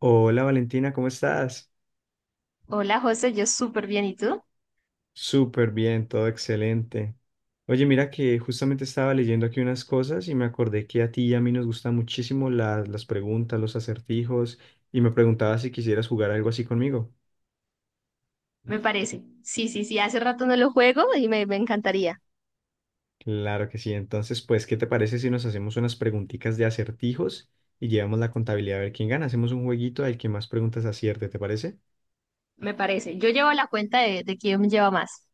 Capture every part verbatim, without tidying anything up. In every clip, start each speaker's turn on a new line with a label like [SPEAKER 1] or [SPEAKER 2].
[SPEAKER 1] Hola Valentina, ¿cómo estás?
[SPEAKER 2] Hola José, yo súper bien, ¿y tú?
[SPEAKER 1] Súper bien, todo excelente. Oye, mira que justamente estaba leyendo aquí unas cosas y me acordé que a ti y a mí nos gustan muchísimo la- las preguntas, los acertijos, y me preguntaba si quisieras jugar algo así conmigo.
[SPEAKER 2] Me parece. Sí, sí, sí, hace rato no lo juego y me, me encantaría.
[SPEAKER 1] Claro que sí, entonces pues, ¿qué te parece si nos hacemos unas preguntitas de acertijos y llevamos la contabilidad a ver quién gana? Hacemos un jueguito al que más preguntas acierte, ¿te parece?
[SPEAKER 2] Me parece. Yo llevo la cuenta de, de quién lleva más.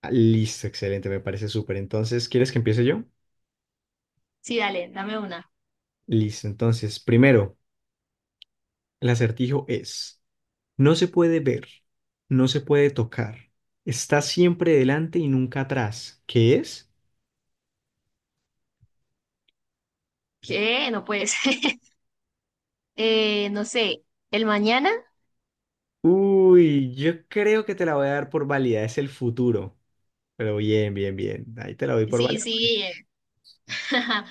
[SPEAKER 1] Ah, listo, excelente, me parece súper. Entonces, ¿quieres que empiece yo?
[SPEAKER 2] Sí, dale, dame una.
[SPEAKER 1] Listo, entonces, primero, el acertijo es... No se puede ver, no se puede tocar. Está siempre delante y nunca atrás. ¿Qué es?
[SPEAKER 2] ¿Qué? No puede ser. Eh, no sé, ¿el mañana?
[SPEAKER 1] Uy, yo creo que te la voy a dar por válida. Es el futuro. Pero bien, bien, bien. Ahí te la doy por
[SPEAKER 2] Sí,
[SPEAKER 1] válida.
[SPEAKER 2] sí. eh.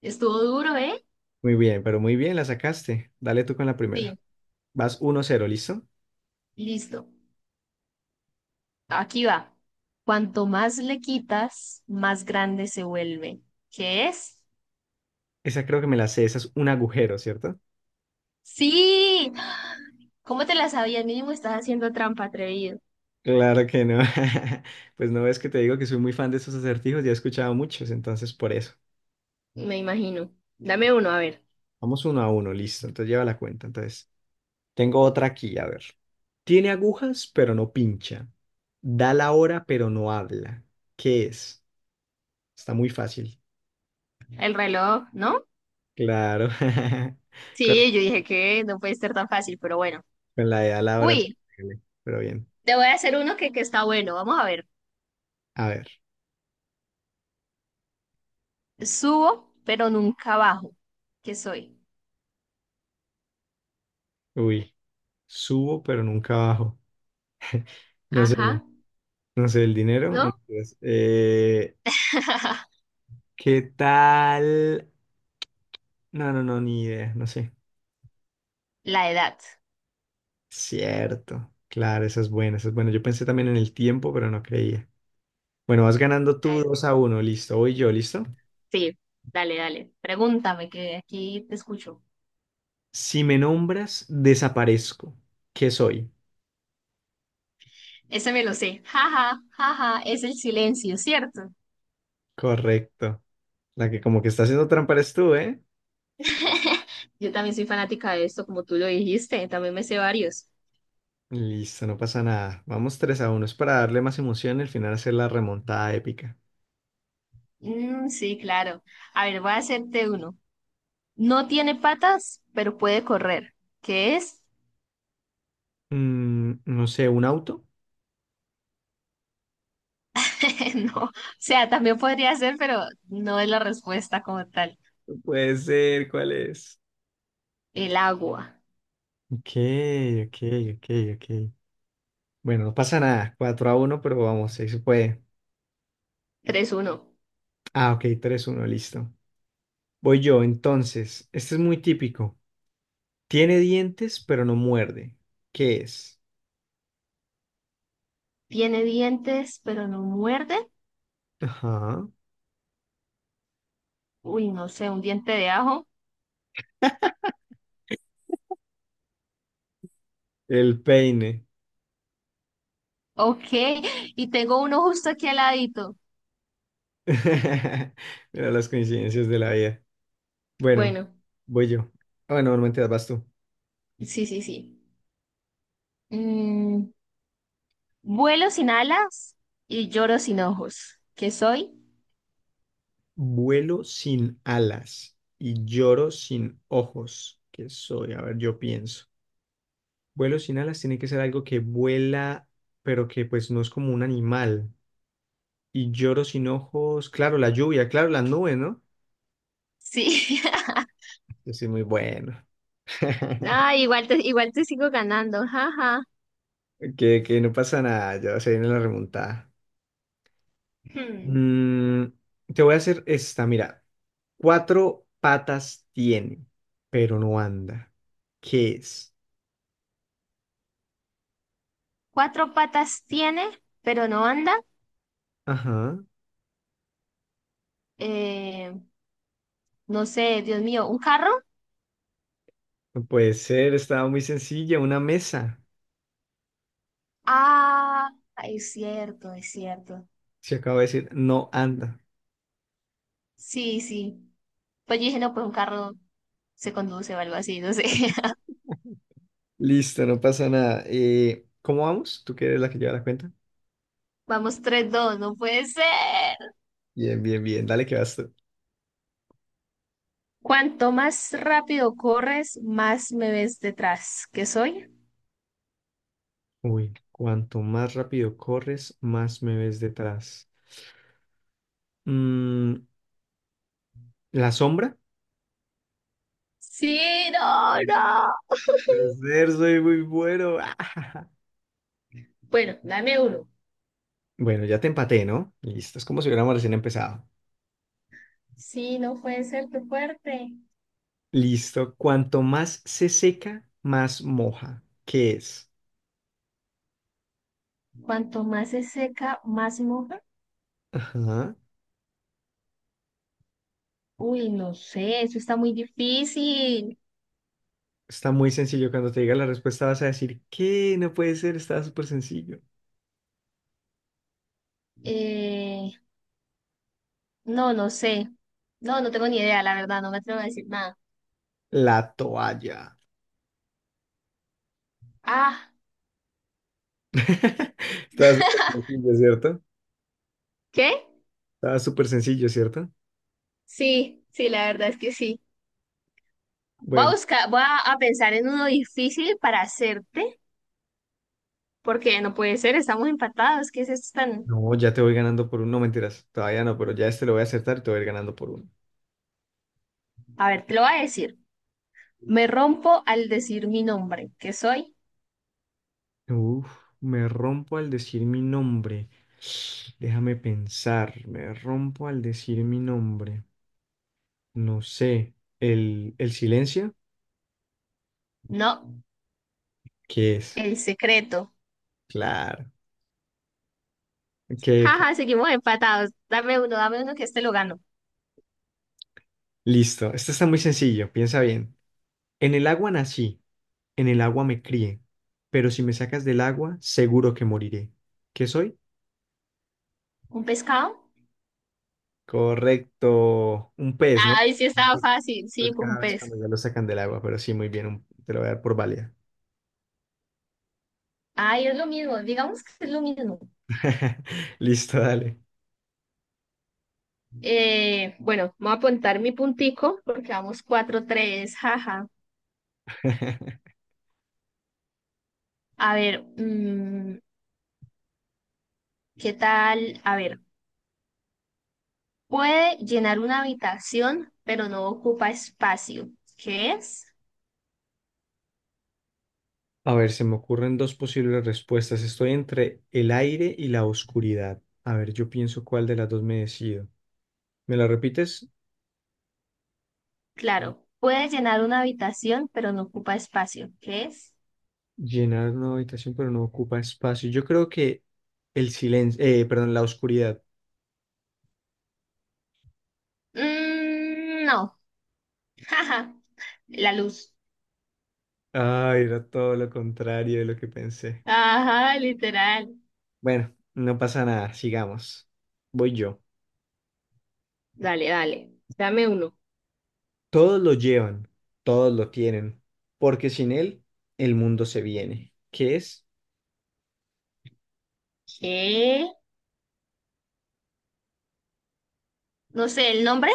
[SPEAKER 2] Estuvo duro, ¿eh?
[SPEAKER 1] Muy bien, pero muy bien, la sacaste. Dale tú con la primera.
[SPEAKER 2] Sí,
[SPEAKER 1] Vas uno cero, ¿listo?
[SPEAKER 2] listo. Aquí va. Cuanto más le quitas, más grande se vuelve. ¿Qué es?
[SPEAKER 1] Esa creo que me la sé. Esa es un agujero, ¿cierto?
[SPEAKER 2] Sí. ¿Cómo te la sabías? Mínimo estás haciendo trampa, atrevido.
[SPEAKER 1] Claro que no. Pues no ves que te digo que soy muy fan de estos acertijos. Ya he escuchado muchos, entonces por eso.
[SPEAKER 2] Me imagino. Dame uno, a ver.
[SPEAKER 1] Vamos uno a uno, listo. Entonces lleva la cuenta. Entonces. Tengo otra aquí, a ver. Tiene agujas, pero no pincha. Da la hora, pero no habla. ¿Qué es? Está muy fácil.
[SPEAKER 2] El reloj, ¿no?
[SPEAKER 1] Claro. Con,
[SPEAKER 2] Sí, yo dije que no puede ser tan fácil, pero bueno.
[SPEAKER 1] con la de da la hora, te
[SPEAKER 2] Uy,
[SPEAKER 1] duele, pero bien.
[SPEAKER 2] te voy a hacer uno que, que está bueno. Vamos a ver.
[SPEAKER 1] A ver.
[SPEAKER 2] Subo, pero nunca bajo. ¿Qué soy?
[SPEAKER 1] Uy. Subo, pero nunca bajo. No sé,
[SPEAKER 2] Ajá,
[SPEAKER 1] no sé, el dinero. No,
[SPEAKER 2] ¿no?
[SPEAKER 1] mentiras. Eh, ¿qué tal? No, no, no, ni idea, no sé.
[SPEAKER 2] La edad.
[SPEAKER 1] Cierto. Claro, eso es bueno, eso es bueno. Yo pensé también en el tiempo, pero no creía. Bueno, vas ganando
[SPEAKER 2] La
[SPEAKER 1] tú
[SPEAKER 2] edad.
[SPEAKER 1] dos a uno, listo, voy yo, listo.
[SPEAKER 2] Sí, dale, dale. Pregúntame, que aquí te escucho.
[SPEAKER 1] Si me nombras, desaparezco. ¿Qué soy?
[SPEAKER 2] Ese me lo sé. Jaja, jaja, es el silencio, ¿cierto?
[SPEAKER 1] Correcto. La que como que está haciendo trampa eres tú, ¿eh?
[SPEAKER 2] Yo también soy fanática de esto, como tú lo dijiste. También me sé varios.
[SPEAKER 1] Listo, no pasa nada. Vamos tres a uno. Es para darle más emoción y al final hacer la remontada épica.
[SPEAKER 2] Mm, sí, claro. A ver, voy a hacerte uno. No tiene patas, pero puede correr. ¿Qué es?
[SPEAKER 1] Mm, no sé, ¿un auto?
[SPEAKER 2] No. O sea, también podría ser, pero no es la respuesta como tal.
[SPEAKER 1] No puede ser, ¿cuál es?
[SPEAKER 2] El agua.
[SPEAKER 1] Ok, ok, ok, ok. Bueno, no pasa nada, cuatro a uno, pero vamos, ahí se puede.
[SPEAKER 2] Tres uno.
[SPEAKER 1] Ah, ok, tres a uno, listo. Voy yo, entonces, este es muy típico. Tiene dientes, pero no muerde. ¿Qué es?
[SPEAKER 2] Tiene dientes, pero no muerde.
[SPEAKER 1] Ajá.
[SPEAKER 2] Uy, no sé, un diente de ajo.
[SPEAKER 1] El peine.
[SPEAKER 2] Ok. Y tengo uno justo aquí al ladito.
[SPEAKER 1] Mira las coincidencias de la vida. Bueno,
[SPEAKER 2] Bueno,
[SPEAKER 1] voy yo. Ah, bueno, normalmente vas tú.
[SPEAKER 2] sí, sí, sí. Mm, vuelo sin alas y lloro sin ojos. ¿Qué soy?
[SPEAKER 1] Vuelo sin alas y lloro sin ojos. ¿Qué soy? A ver, yo pienso. Vuelo sin alas tiene que ser algo que vuela, pero que pues no es como un animal. Y lloro sin ojos. Claro, la lluvia, claro, las nubes, ¿no?
[SPEAKER 2] Sí.
[SPEAKER 1] Yo soy muy bueno.
[SPEAKER 2] Ah, igual te, igual te sigo ganando, jaja.
[SPEAKER 1] Que, que no pasa nada, ya se viene la remontada.
[SPEAKER 2] Hmm.
[SPEAKER 1] Mm, Te voy a hacer esta, mira. Cuatro patas tiene, pero no anda. ¿Qué es?
[SPEAKER 2] Cuatro patas tiene, pero no anda.
[SPEAKER 1] Ajá,
[SPEAKER 2] Eh, no sé, Dios mío, ¿un carro?
[SPEAKER 1] no puede ser, estaba muy sencilla, una mesa.
[SPEAKER 2] Ah, es cierto, es cierto.
[SPEAKER 1] Se acaba de decir, no anda.
[SPEAKER 2] Sí, sí. Pues yo dije, no, pues un carro se conduce o algo así, no sé.
[SPEAKER 1] Listo, no pasa nada. Eh, ¿cómo vamos? ¿Tú que eres la que lleva la cuenta?
[SPEAKER 2] Vamos, tres, dos, no puede ser.
[SPEAKER 1] Bien, bien, bien, dale que vas tú.
[SPEAKER 2] Cuanto más rápido corres, más me ves detrás. ¿Qué soy?
[SPEAKER 1] Uy, cuanto más rápido corres, más me ves detrás. Mm, ¿La sombra?
[SPEAKER 2] Sí, no, no.
[SPEAKER 1] Puede ser, soy muy bueno.
[SPEAKER 2] Bueno, dame uno.
[SPEAKER 1] Bueno, ya te empaté, ¿no? Listo, es como si hubiéramos recién empezado.
[SPEAKER 2] Sí, no puede ser tu fuerte.
[SPEAKER 1] Listo, cuanto más se seca, más moja. ¿Qué es?
[SPEAKER 2] Cuanto más se seca, más se moja.
[SPEAKER 1] Ajá.
[SPEAKER 2] Uy, no sé, eso está muy difícil.
[SPEAKER 1] Está muy sencillo. Cuando te diga la respuesta vas a decir, ¿qué? No puede ser, está súper sencillo.
[SPEAKER 2] Eh, no, no sé. No, no tengo ni idea, la verdad, no me atrevo a decir nada.
[SPEAKER 1] La toalla.
[SPEAKER 2] Ah,
[SPEAKER 1] ¿Estaba súper sencillo, ¿cierto?
[SPEAKER 2] ¿qué?
[SPEAKER 1] Estaba súper sencillo, ¿cierto?
[SPEAKER 2] Sí, sí, la verdad es que sí. Voy a
[SPEAKER 1] Bueno,
[SPEAKER 2] buscar, voy a, a pensar en uno difícil para hacerte, porque no puede ser, estamos empatados. ¿Qué es esto tan...?
[SPEAKER 1] no, ya te voy ganando por uno, no mentiras, todavía no, pero ya este lo voy a acertar y te voy a ir ganando por uno.
[SPEAKER 2] A ver, te lo voy a decir. Me rompo al decir mi nombre. ¿Qué soy?
[SPEAKER 1] Uf, me rompo al decir mi nombre. Déjame pensar, me rompo al decir mi nombre. No sé, el, el silencio,
[SPEAKER 2] No,
[SPEAKER 1] ¿qué es?
[SPEAKER 2] el secreto.
[SPEAKER 1] Claro. Ok, ok.
[SPEAKER 2] Jaja, seguimos empatados. Dame uno, dame uno que este lo gano.
[SPEAKER 1] Listo, esto está muy sencillo, piensa bien. En el agua nací, en el agua me crié, pero si me sacas del agua, seguro que moriré. ¿Qué soy?
[SPEAKER 2] ¿Un pescado?
[SPEAKER 1] Correcto, un pez, ¿no?
[SPEAKER 2] Ay, sí
[SPEAKER 1] Un
[SPEAKER 2] estaba
[SPEAKER 1] pez.
[SPEAKER 2] fácil. Sí,
[SPEAKER 1] Pues
[SPEAKER 2] pues un
[SPEAKER 1] cada vez
[SPEAKER 2] pez.
[SPEAKER 1] cuando ya lo sacan del agua, pero sí, muy bien, un- te lo voy a dar por válida.
[SPEAKER 2] Ay, es lo mismo. Digamos que es lo mismo.
[SPEAKER 1] Listo, dale.
[SPEAKER 2] Eh, bueno, voy a apuntar mi puntico porque vamos cuatro tres. Jaja. A ver, mm, ¿qué tal? A ver, puede llenar una habitación, pero no ocupa espacio. ¿Qué es?
[SPEAKER 1] A ver, se me ocurren dos posibles respuestas. Estoy entre el aire y la oscuridad. A ver, yo pienso cuál de las dos me decido. ¿Me la repites?
[SPEAKER 2] Claro, puede llenar una habitación, pero no ocupa espacio. ¿Qué es?
[SPEAKER 1] Llenar una habitación, pero no ocupa espacio. Yo creo que el silencio, eh, perdón, la oscuridad.
[SPEAKER 2] Mm, no. Jaja. La luz.
[SPEAKER 1] Ay, era todo lo contrario de lo que pensé.
[SPEAKER 2] Ajá, literal.
[SPEAKER 1] Bueno, no pasa nada, sigamos. Voy yo.
[SPEAKER 2] Dale, dale. Dame uno.
[SPEAKER 1] Todos lo llevan, todos lo tienen, porque sin él el mundo se viene. ¿Qué es?
[SPEAKER 2] ¿Qué? No sé, ¿el nombre?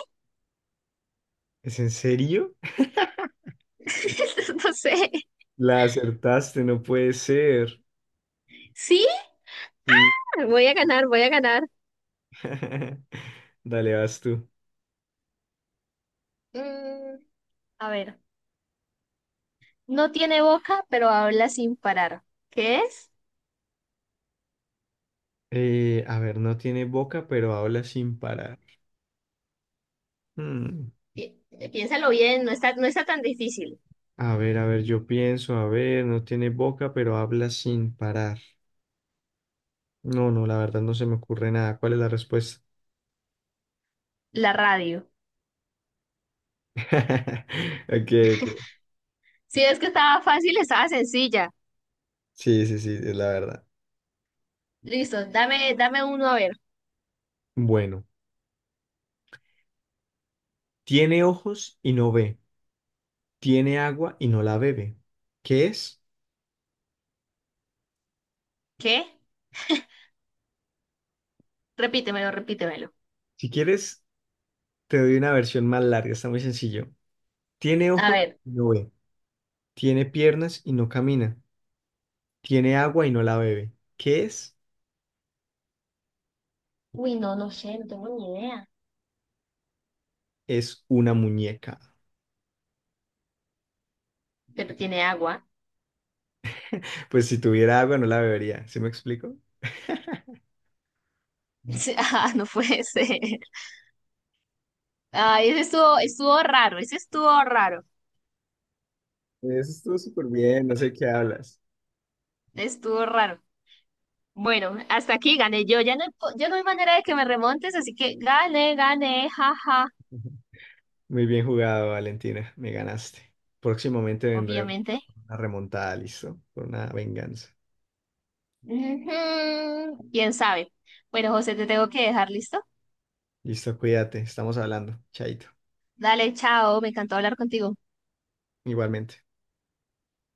[SPEAKER 1] ¿Es en serio?
[SPEAKER 2] No sé.
[SPEAKER 1] La acertaste, no puede ser.
[SPEAKER 2] Sí,
[SPEAKER 1] Y...
[SPEAKER 2] voy a ganar, voy a ganar.
[SPEAKER 1] Dale, vas tú.
[SPEAKER 2] Mm, a ver. No tiene boca, pero habla sin parar. ¿Qué es?
[SPEAKER 1] Eh, a ver, no tiene boca, pero habla sin parar. Hmm,
[SPEAKER 2] Pi- piénsalo bien, no está, no está tan difícil.
[SPEAKER 1] A ver, a ver, yo pienso, a ver, no tiene boca, pero habla sin parar. No, no, la verdad no se me ocurre nada. ¿Cuál es la respuesta?
[SPEAKER 2] La radio.
[SPEAKER 1] Ok, ok.
[SPEAKER 2] Si es que estaba fácil, estaba sencilla.
[SPEAKER 1] Sí, sí, sí, es la verdad.
[SPEAKER 2] Listo, dame, dame uno a ver.
[SPEAKER 1] Bueno, tiene ojos y no ve. Tiene agua y no la bebe. ¿Qué es?
[SPEAKER 2] ¿Qué? Repítemelo, repítemelo.
[SPEAKER 1] Si quieres, te doy una versión más larga, está muy sencillo. Tiene
[SPEAKER 2] A
[SPEAKER 1] ojos
[SPEAKER 2] ver.
[SPEAKER 1] y no ve. Tiene piernas y no camina. Tiene agua y no la bebe. ¿Qué es?
[SPEAKER 2] Uy, no, no sé, no tengo ni idea.
[SPEAKER 1] Es una muñeca.
[SPEAKER 2] Pero tiene agua.
[SPEAKER 1] Pues si tuviera agua no la bebería. ¿Sí me explico?
[SPEAKER 2] Sí, ah, no puede ser. Ay, ese estuvo, estuvo raro, ese estuvo raro,
[SPEAKER 1] Eso estuvo súper bien, no sé qué hablas.
[SPEAKER 2] estuvo raro. Bueno, hasta aquí gané yo. Ya no, hay po- ya no hay manera de que me remontes, así que gané, gané, jaja,
[SPEAKER 1] Muy bien jugado, Valentina. Me ganaste. Próximamente vendré con
[SPEAKER 2] obviamente.
[SPEAKER 1] una remontada, listo, por una venganza.
[SPEAKER 2] Ujú, ¿quién sabe? Bueno, José, te tengo que dejar listo.
[SPEAKER 1] Listo, cuídate. Estamos hablando. Chaito.
[SPEAKER 2] Dale, chao, me encantó hablar contigo.
[SPEAKER 1] Igualmente.